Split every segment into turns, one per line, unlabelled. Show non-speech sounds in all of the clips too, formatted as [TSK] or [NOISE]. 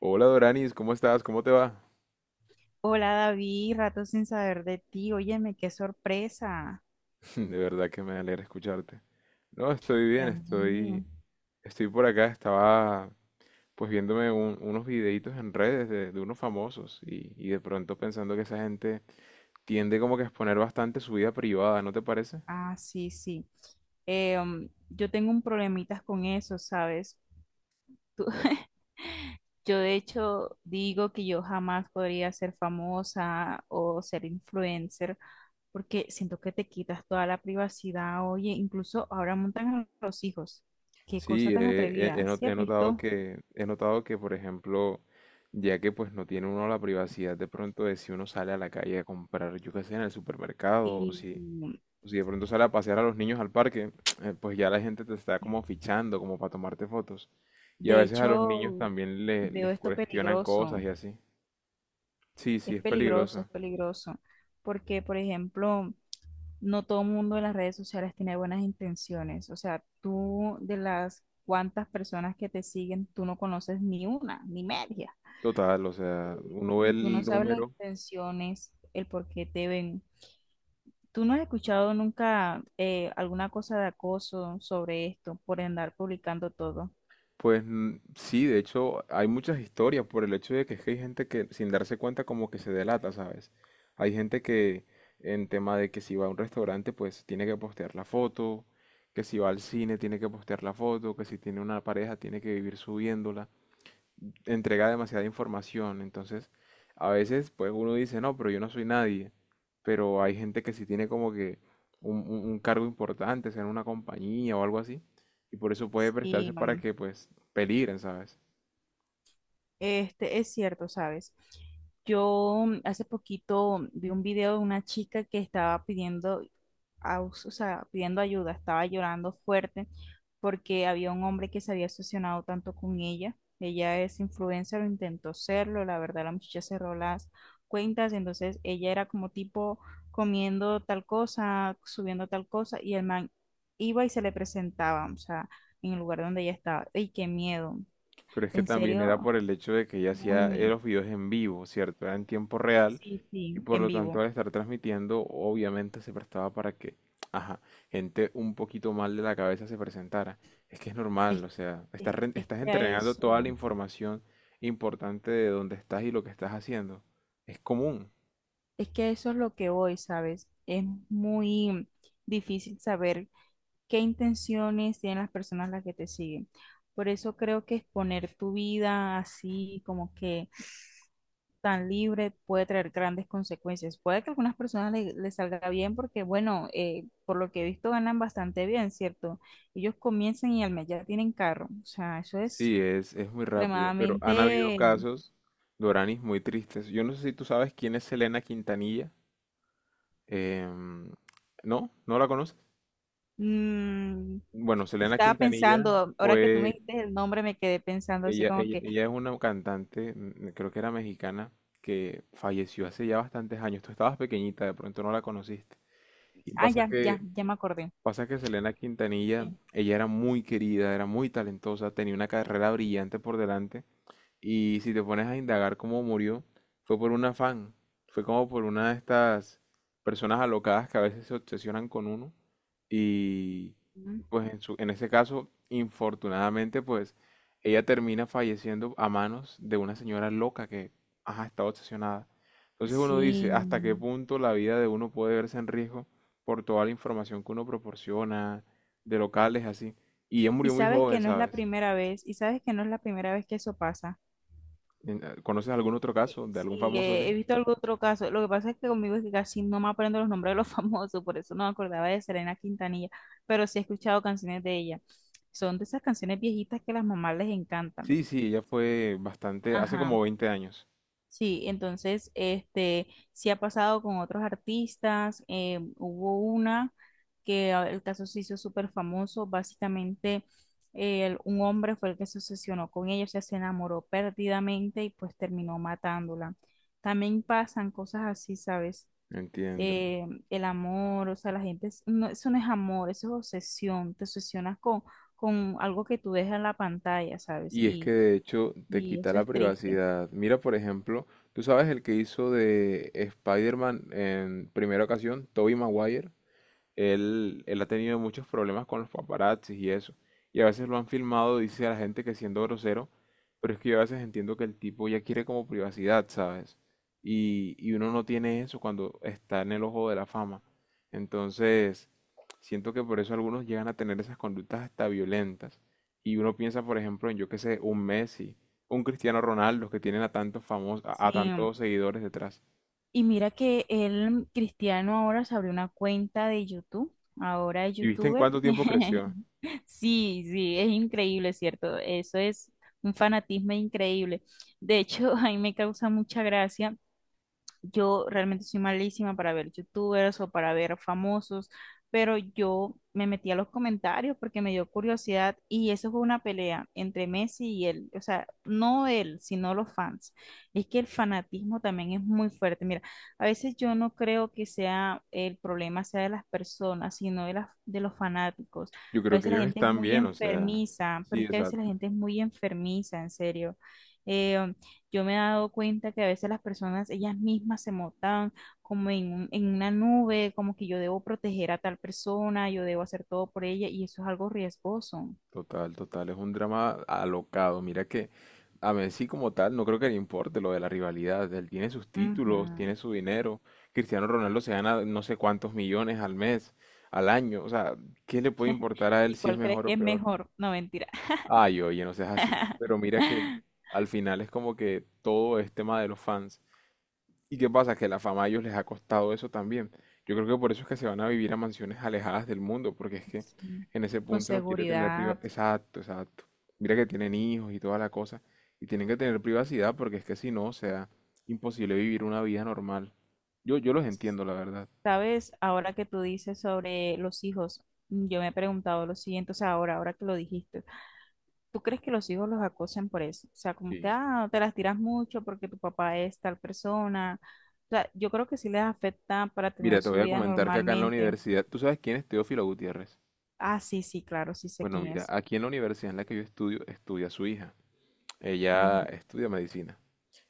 Hola Doranis, ¿cómo estás? ¿Cómo te va?
Hola David, rato sin saber de ti. Óyeme, qué sorpresa.
[LAUGHS] De verdad que me alegra escucharte. No, estoy
Y a
bien,
mí.
estoy por acá, estaba pues viéndome unos videitos en redes de unos famosos y de pronto pensando que esa gente tiende como que a exponer bastante su vida privada, ¿no te parece?
Ah, sí, sí. Yo tengo un problemitas con eso, ¿sabes? Tú- [LAUGHS] yo de hecho digo que yo jamás podría ser famosa o ser influencer porque siento que te quitas toda la privacidad. Oye, incluso ahora montan a los hijos. Qué cosa
Sí,
tan
he, he
atrevida.
not-
¿Sí
he
has
notado
visto?
he notado que, por ejemplo, ya que pues no tiene uno la privacidad de pronto de si uno sale a la calle a comprar, yo qué sé, en el supermercado o si
Y
si de pronto sale a pasear a los niños al parque, [TSK] pues ya la gente te está como fichando, como para tomarte fotos. Y a
de
veces a los niños
hecho
también
veo
les
esto
cuestionan
peligroso.
cosas y así. Sí, sí,
Es
es
peligroso, es
peligroso.
peligroso, porque, por ejemplo, no todo el mundo en las redes sociales tiene buenas intenciones. O sea, tú de las cuantas personas que te siguen, tú no conoces ni una, ni media.
Total, o sea, uno ve
Y tú no
el
sabes las
número.
intenciones, el por qué te ven. ¿Tú no has escuchado nunca alguna cosa de acoso sobre esto por andar publicando todo?
Pues mm, sí, de hecho hay muchas historias por el hecho de que es que hay gente que sin darse cuenta como que se delata, ¿sabes? Hay gente que en tema de que si va a un restaurante pues tiene que postear la foto, que si va al cine tiene que postear la foto, que si tiene una pareja tiene que vivir subiéndola. Entrega demasiada información. Entonces, a veces, pues uno dice, no, pero yo no soy nadie. Pero hay gente que sí tiene como que un cargo importante, sea en una compañía o algo así. Y por eso puede prestarse
Sí,
para
mm,
que, pues, peligren, ¿sabes?
este, es cierto, ¿sabes? Yo mm, hace poquito vi un video de una chica que estaba pidiendo, o sea, pidiendo ayuda, estaba llorando fuerte porque había un hombre que se había obsesionado tanto con ella. Ella es influencer, lo intentó serlo, la verdad la muchacha cerró las cuentas, entonces ella era como tipo comiendo tal cosa, subiendo tal cosa y el man iba y se le presentaba, o sea, en el lugar donde ella estaba. ¡Ey, qué miedo!
Pero es que
En
también era
serio,
por el hecho de que ella
muy
hacía
miedo.
los videos en vivo, ¿cierto? Era en tiempo real
Sí,
y
sí,
por
en
lo tanto
vivo.
al estar transmitiendo obviamente se prestaba para que, ajá, gente un poquito mal de la cabeza se presentara. Es que es normal,
Es,
o sea,
es
estás
que a
entregando toda la
eso,
información importante de dónde estás y lo que estás haciendo. Es común.
es que a eso es lo que voy, ¿sabes? Es muy difícil saber qué intenciones tienen las personas las que te siguen. Por eso creo que exponer tu vida así, como que tan libre, puede traer grandes consecuencias. Puede que a algunas personas les salga bien porque, bueno, por lo que he visto ganan bastante bien, ¿cierto? Ellos comienzan y al mes ya tienen carro. O sea, eso es
Sí, es muy rápido, pero han habido
extremadamente.
casos, Doranis, muy tristes. Yo no sé si tú sabes quién es Selena Quintanilla. Em, ¿No? ¿No la conoces?
Mm,
Bueno, Selena
estaba
Quintanilla
pensando, ahora que tú me
fue,
dijiste el nombre, me quedé pensando así como que,
ella es una cantante, mm, creo que era mexicana, que falleció hace ya bastantes años. Tú estabas pequeñita, de pronto no la conociste. Y
ah, ya, ya, ya me acordé.
pasa que Selena Quintanilla,
Sí.
ella era muy querida, era muy talentosa, tenía una carrera brillante por delante, y si te pones a indagar cómo murió, fue por un afán, fue como por una de estas personas alocadas que a veces se obsesionan con uno y
Ujú.
pues en ese caso, infortunadamente, pues ella termina falleciendo a manos de una señora loca que, ajá, está obsesionada. Entonces uno
Sí.
dice, ¿hasta qué punto la vida de uno puede verse en riesgo por toda la información que uno proporciona de locales así? Y ella
Y
murió muy
sabes
joven,
que no es la
¿sabes?
primera vez, y sabes que no es la primera vez que eso pasa.
¿Conoces algún otro caso de algún
Sí,
famoso así?
he visto algún otro caso. Lo que pasa es que conmigo es que casi no me aprendo los nombres de los [LAUGHS] famosos, por eso no me acordaba de Selena Quintanilla, pero sí he escuchado canciones de ella. Son de esas canciones viejitas que a las mamás les encantan.
Sí, sí, ella fue bastante, hace
Ajá.
como 20 años.
Sí, entonces, este, sí ha pasado con otros artistas. Hubo una que ah, el caso se hizo súper famoso. Básicamente, un hombre fue el que se obsesionó con ella, o sea, se enamoró perdidamente y pues terminó matándola. También pasan cosas así, ¿sabes?
Entiendo.
El amor, o sea, la gente, no, eso no es amor, eso es obsesión. Te obsesionas con algo que tú dejas en la pantalla, ¿sabes?
Y es que de hecho te
Y
quita
eso
la
es triste.
privacidad. Mira, por ejemplo, tú sabes el que hizo de Spider-Man en primera ocasión, Tobey Maguire. Él ha tenido muchos problemas con los paparazzis y eso. Y a veces lo han filmado, dice a la gente que siendo grosero, pero es que yo a veces entiendo que el tipo ya quiere como privacidad, ¿sabes? Y uno no tiene eso cuando está en el ojo de la fama. Entonces, siento que por eso algunos llegan a tener esas conductas hasta violentas. Y uno piensa, por ejemplo, en yo qué sé, un Messi, un Cristiano Ronaldo, que tienen a tantos famosos,
Sí.
a tantos seguidores detrás.
Y mira que el Cristiano ahora se abrió una cuenta de YouTube, ahora es
¿Y viste en
youtuber.
cuánto tiempo creció?
[LAUGHS] Sí, sí, es increíble, ¿cierto? Eso es un fanatismo increíble. De hecho, [LAUGHS] a mí me causa mucha gracia, yo realmente soy malísima para ver youtubers o para ver famosos, pero yo me metí a los comentarios porque me dio curiosidad y eso fue una pelea entre Messi y él, o sea, no él, sino los fans. Es que el fanatismo también es muy fuerte. Mira, a veces yo no creo que sea el problema sea de las personas, sino de las, de los fanáticos.
Yo
A
creo que
veces la
ellos
gente es
están
muy
bien, o sea,
enfermiza, pero
sí,
es que a veces la
exacto,
gente es muy enfermiza, en serio. Eh, yo me he dado cuenta que a veces las personas, ellas mismas se montan como en en una nube, como que yo debo proteger a tal persona, yo debo hacer todo por ella, y eso es algo riesgoso.
total, total, es un drama alocado. Mira que a Messi como tal no creo que le importe lo de la rivalidad, él tiene sus títulos,
Ujú.
tiene su dinero, Cristiano Ronaldo se gana no sé cuántos millones al mes, al año, o sea, ¿qué le puede importar a él
¿Y
si es
cuál crees
mejor
que
o
es
peor?
mejor? No, mentira.
Ay, oye, no seas así, pero mira que
[LAUGHS]
al final es como que todo es tema de los fans. ¿Y qué pasa? Que la fama a ellos les ha costado eso también. Yo creo que por eso es que se van a vivir a mansiones alejadas del mundo, porque es que
Sí,
en ese
con
punto no quiere tener
seguridad.
privacidad. Exacto, exacto. Mira que tienen hijos y toda la cosa, y tienen que tener privacidad porque es que si no, o sea, imposible vivir una vida normal. Yo los entiendo, la verdad.
Sabes, ahora que tú dices sobre los hijos, yo me he preguntado lo siguiente, o sea, ahora, ahora que lo dijiste. ¿Tú crees que los hijos los acosan por eso? O sea, como que,
Sí.
ah, no te las tiras mucho porque tu papá es tal persona. O sea, yo creo que sí les afecta para
Mira,
tener
te
su
voy a
vida
comentar que acá en la
normalmente.
universidad, ¿tú sabes quién es Teófilo Gutiérrez?
Ah, sí, sí, claro, sí sé
Bueno,
quién
mira,
es.
aquí en la universidad en la que yo estudio, estudia su hija. Ella
Ujú.
estudia medicina.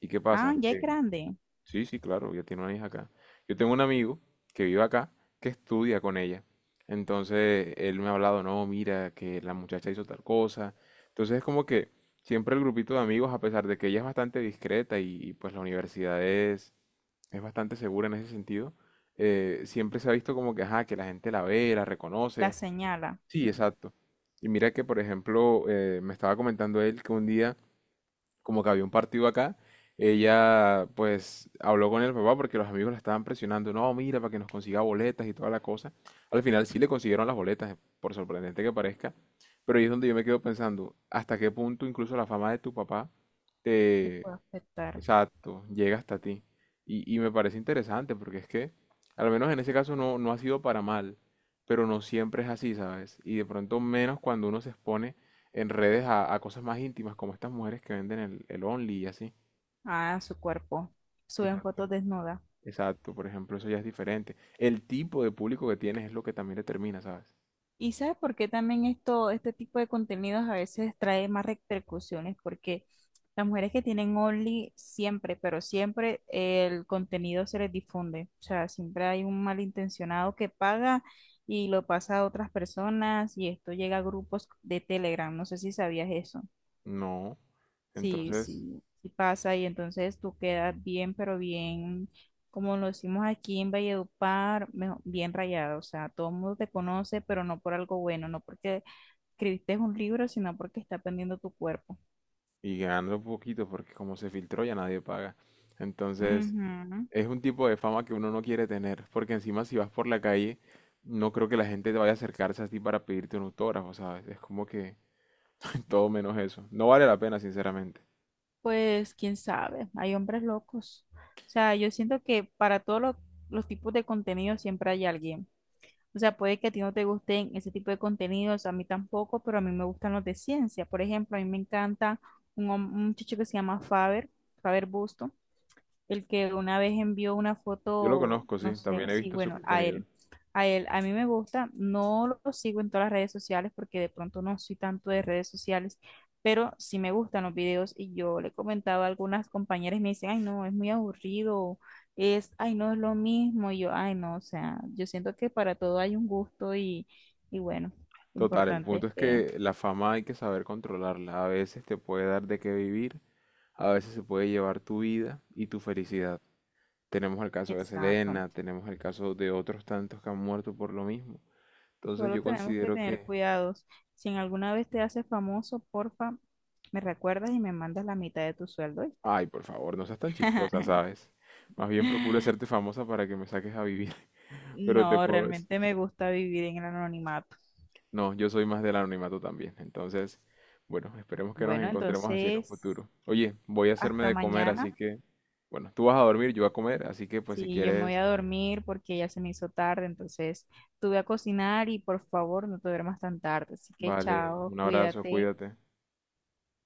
¿Y qué
Ah,
pasa?
ya es
Que
grande.
sí, sí, claro, ya tiene una hija acá. Yo tengo un amigo que vive acá, que estudia con ella. Entonces, él me ha hablado, no, mira, que la muchacha hizo tal cosa. Entonces, es como que siempre el grupito de amigos, a pesar de que ella es bastante discreta pues la universidad es bastante segura en ese sentido, siempre se ha visto como que, ajá, que la gente la ve, la
La
reconoce.
señala.
Sí, exacto. Y mira que, por ejemplo, me estaba comentando él que un día como que había un partido acá, ella pues habló con el papá porque los amigos la estaban presionando, no, mira, para que nos consiga boletas y toda la cosa. Al final sí le consiguieron las boletas, por sorprendente que parezca, pero ahí es donde yo me quedo pensando, hasta qué punto incluso la fama de tu papá
Te
te,
puede afectar
exacto, llega hasta ti. Me parece interesante porque es que, al menos en ese caso, no, no ha sido para mal, pero no siempre es así, ¿sabes? Y de pronto menos cuando uno se expone en redes a cosas más íntimas, como estas mujeres que venden el Only y así.
a su cuerpo. Suben
Exacto.
fotos desnudas.
Exacto, por ejemplo, eso ya es diferente. El tipo de público que tienes es lo que también determina, ¿sabes?
Y sabes por qué también esto, este tipo de contenidos a veces trae más repercusiones, porque las mujeres que tienen Only siempre, pero siempre el contenido se les difunde. O sea, siempre hay un malintencionado que paga y lo pasa a otras personas y esto llega a grupos de Telegram. No sé si sabías eso.
No.
Sí,
Entonces,
sí, sí pasa y entonces tú quedas bien, pero bien, como lo decimos aquí en Valledupar, bien rayado. O sea, todo el mundo te conoce, pero no por algo bueno, no porque escribiste un libro, sino porque está pendiendo tu cuerpo.
y ganando poquito, porque como se filtró ya nadie paga. Entonces,
Ujú.
es un tipo de fama que uno no quiere tener, porque encima si vas por la calle, no creo que la gente te vaya a acercarse a ti para pedirte un autógrafo, ¿sabes? Es como que [LAUGHS] todo menos eso. No vale la pena, sinceramente.
Pues quién sabe, hay hombres locos. O sea, yo siento que para todos los tipos de contenido siempre hay alguien. O sea, puede que a ti no te gusten ese tipo de contenidos, a mí tampoco, pero a mí me gustan los de ciencia. Por ejemplo, a mí me encanta un, un muchacho que se llama Faber, Faber Busto, el que una vez envió una
Yo lo
foto,
conozco,
no
sí, también
sé,
he
sí,
visto su
bueno, a
contenido.
él, a él, a mí me gusta, no lo sigo en todas las redes sociales porque de pronto no soy tanto de redes sociales, pero sí me gustan los videos y yo le comentaba a algunas compañeras y me dicen, ay, no, es muy aburrido, es, ay, no es lo mismo, y yo, ay, no, o sea, yo siento que para todo hay un gusto y bueno,
Total, el
importante es
punto es
que,
que la fama hay que saber controlarla. A veces te puede dar de qué vivir, a veces se puede llevar tu vida y tu felicidad. Tenemos el caso de
exacto.
Selena, tenemos el caso de otros tantos que han muerto por lo mismo. Entonces
Solo
yo
tenemos que
considero
tener
que
cuidados. Si en alguna vez te haces famoso, porfa, me recuerdas y me mandas la mitad de tu sueldo, ¿oíste?
ay, por favor, no seas tan chistosa,
[LAUGHS]
¿sabes? Más bien procura hacerte famosa para que me saques a vivir, [LAUGHS] pero te
No,
puedo decir-
realmente me gusta vivir en el anonimato.
No, yo soy más del anonimato también. Entonces, bueno, esperemos que nos
Bueno,
encontremos así en un
entonces,
futuro. Oye, voy a hacerme
hasta
de comer, así
mañana.
que, bueno, tú vas a dormir, yo voy a comer, así que pues si
Sí, yo me voy
quieres,
a dormir porque ya se me hizo tarde, entonces tuve a cocinar y por favor no te duermas tan tarde. Así que
vale,
chao,
un abrazo,
cuídate.
cuídate.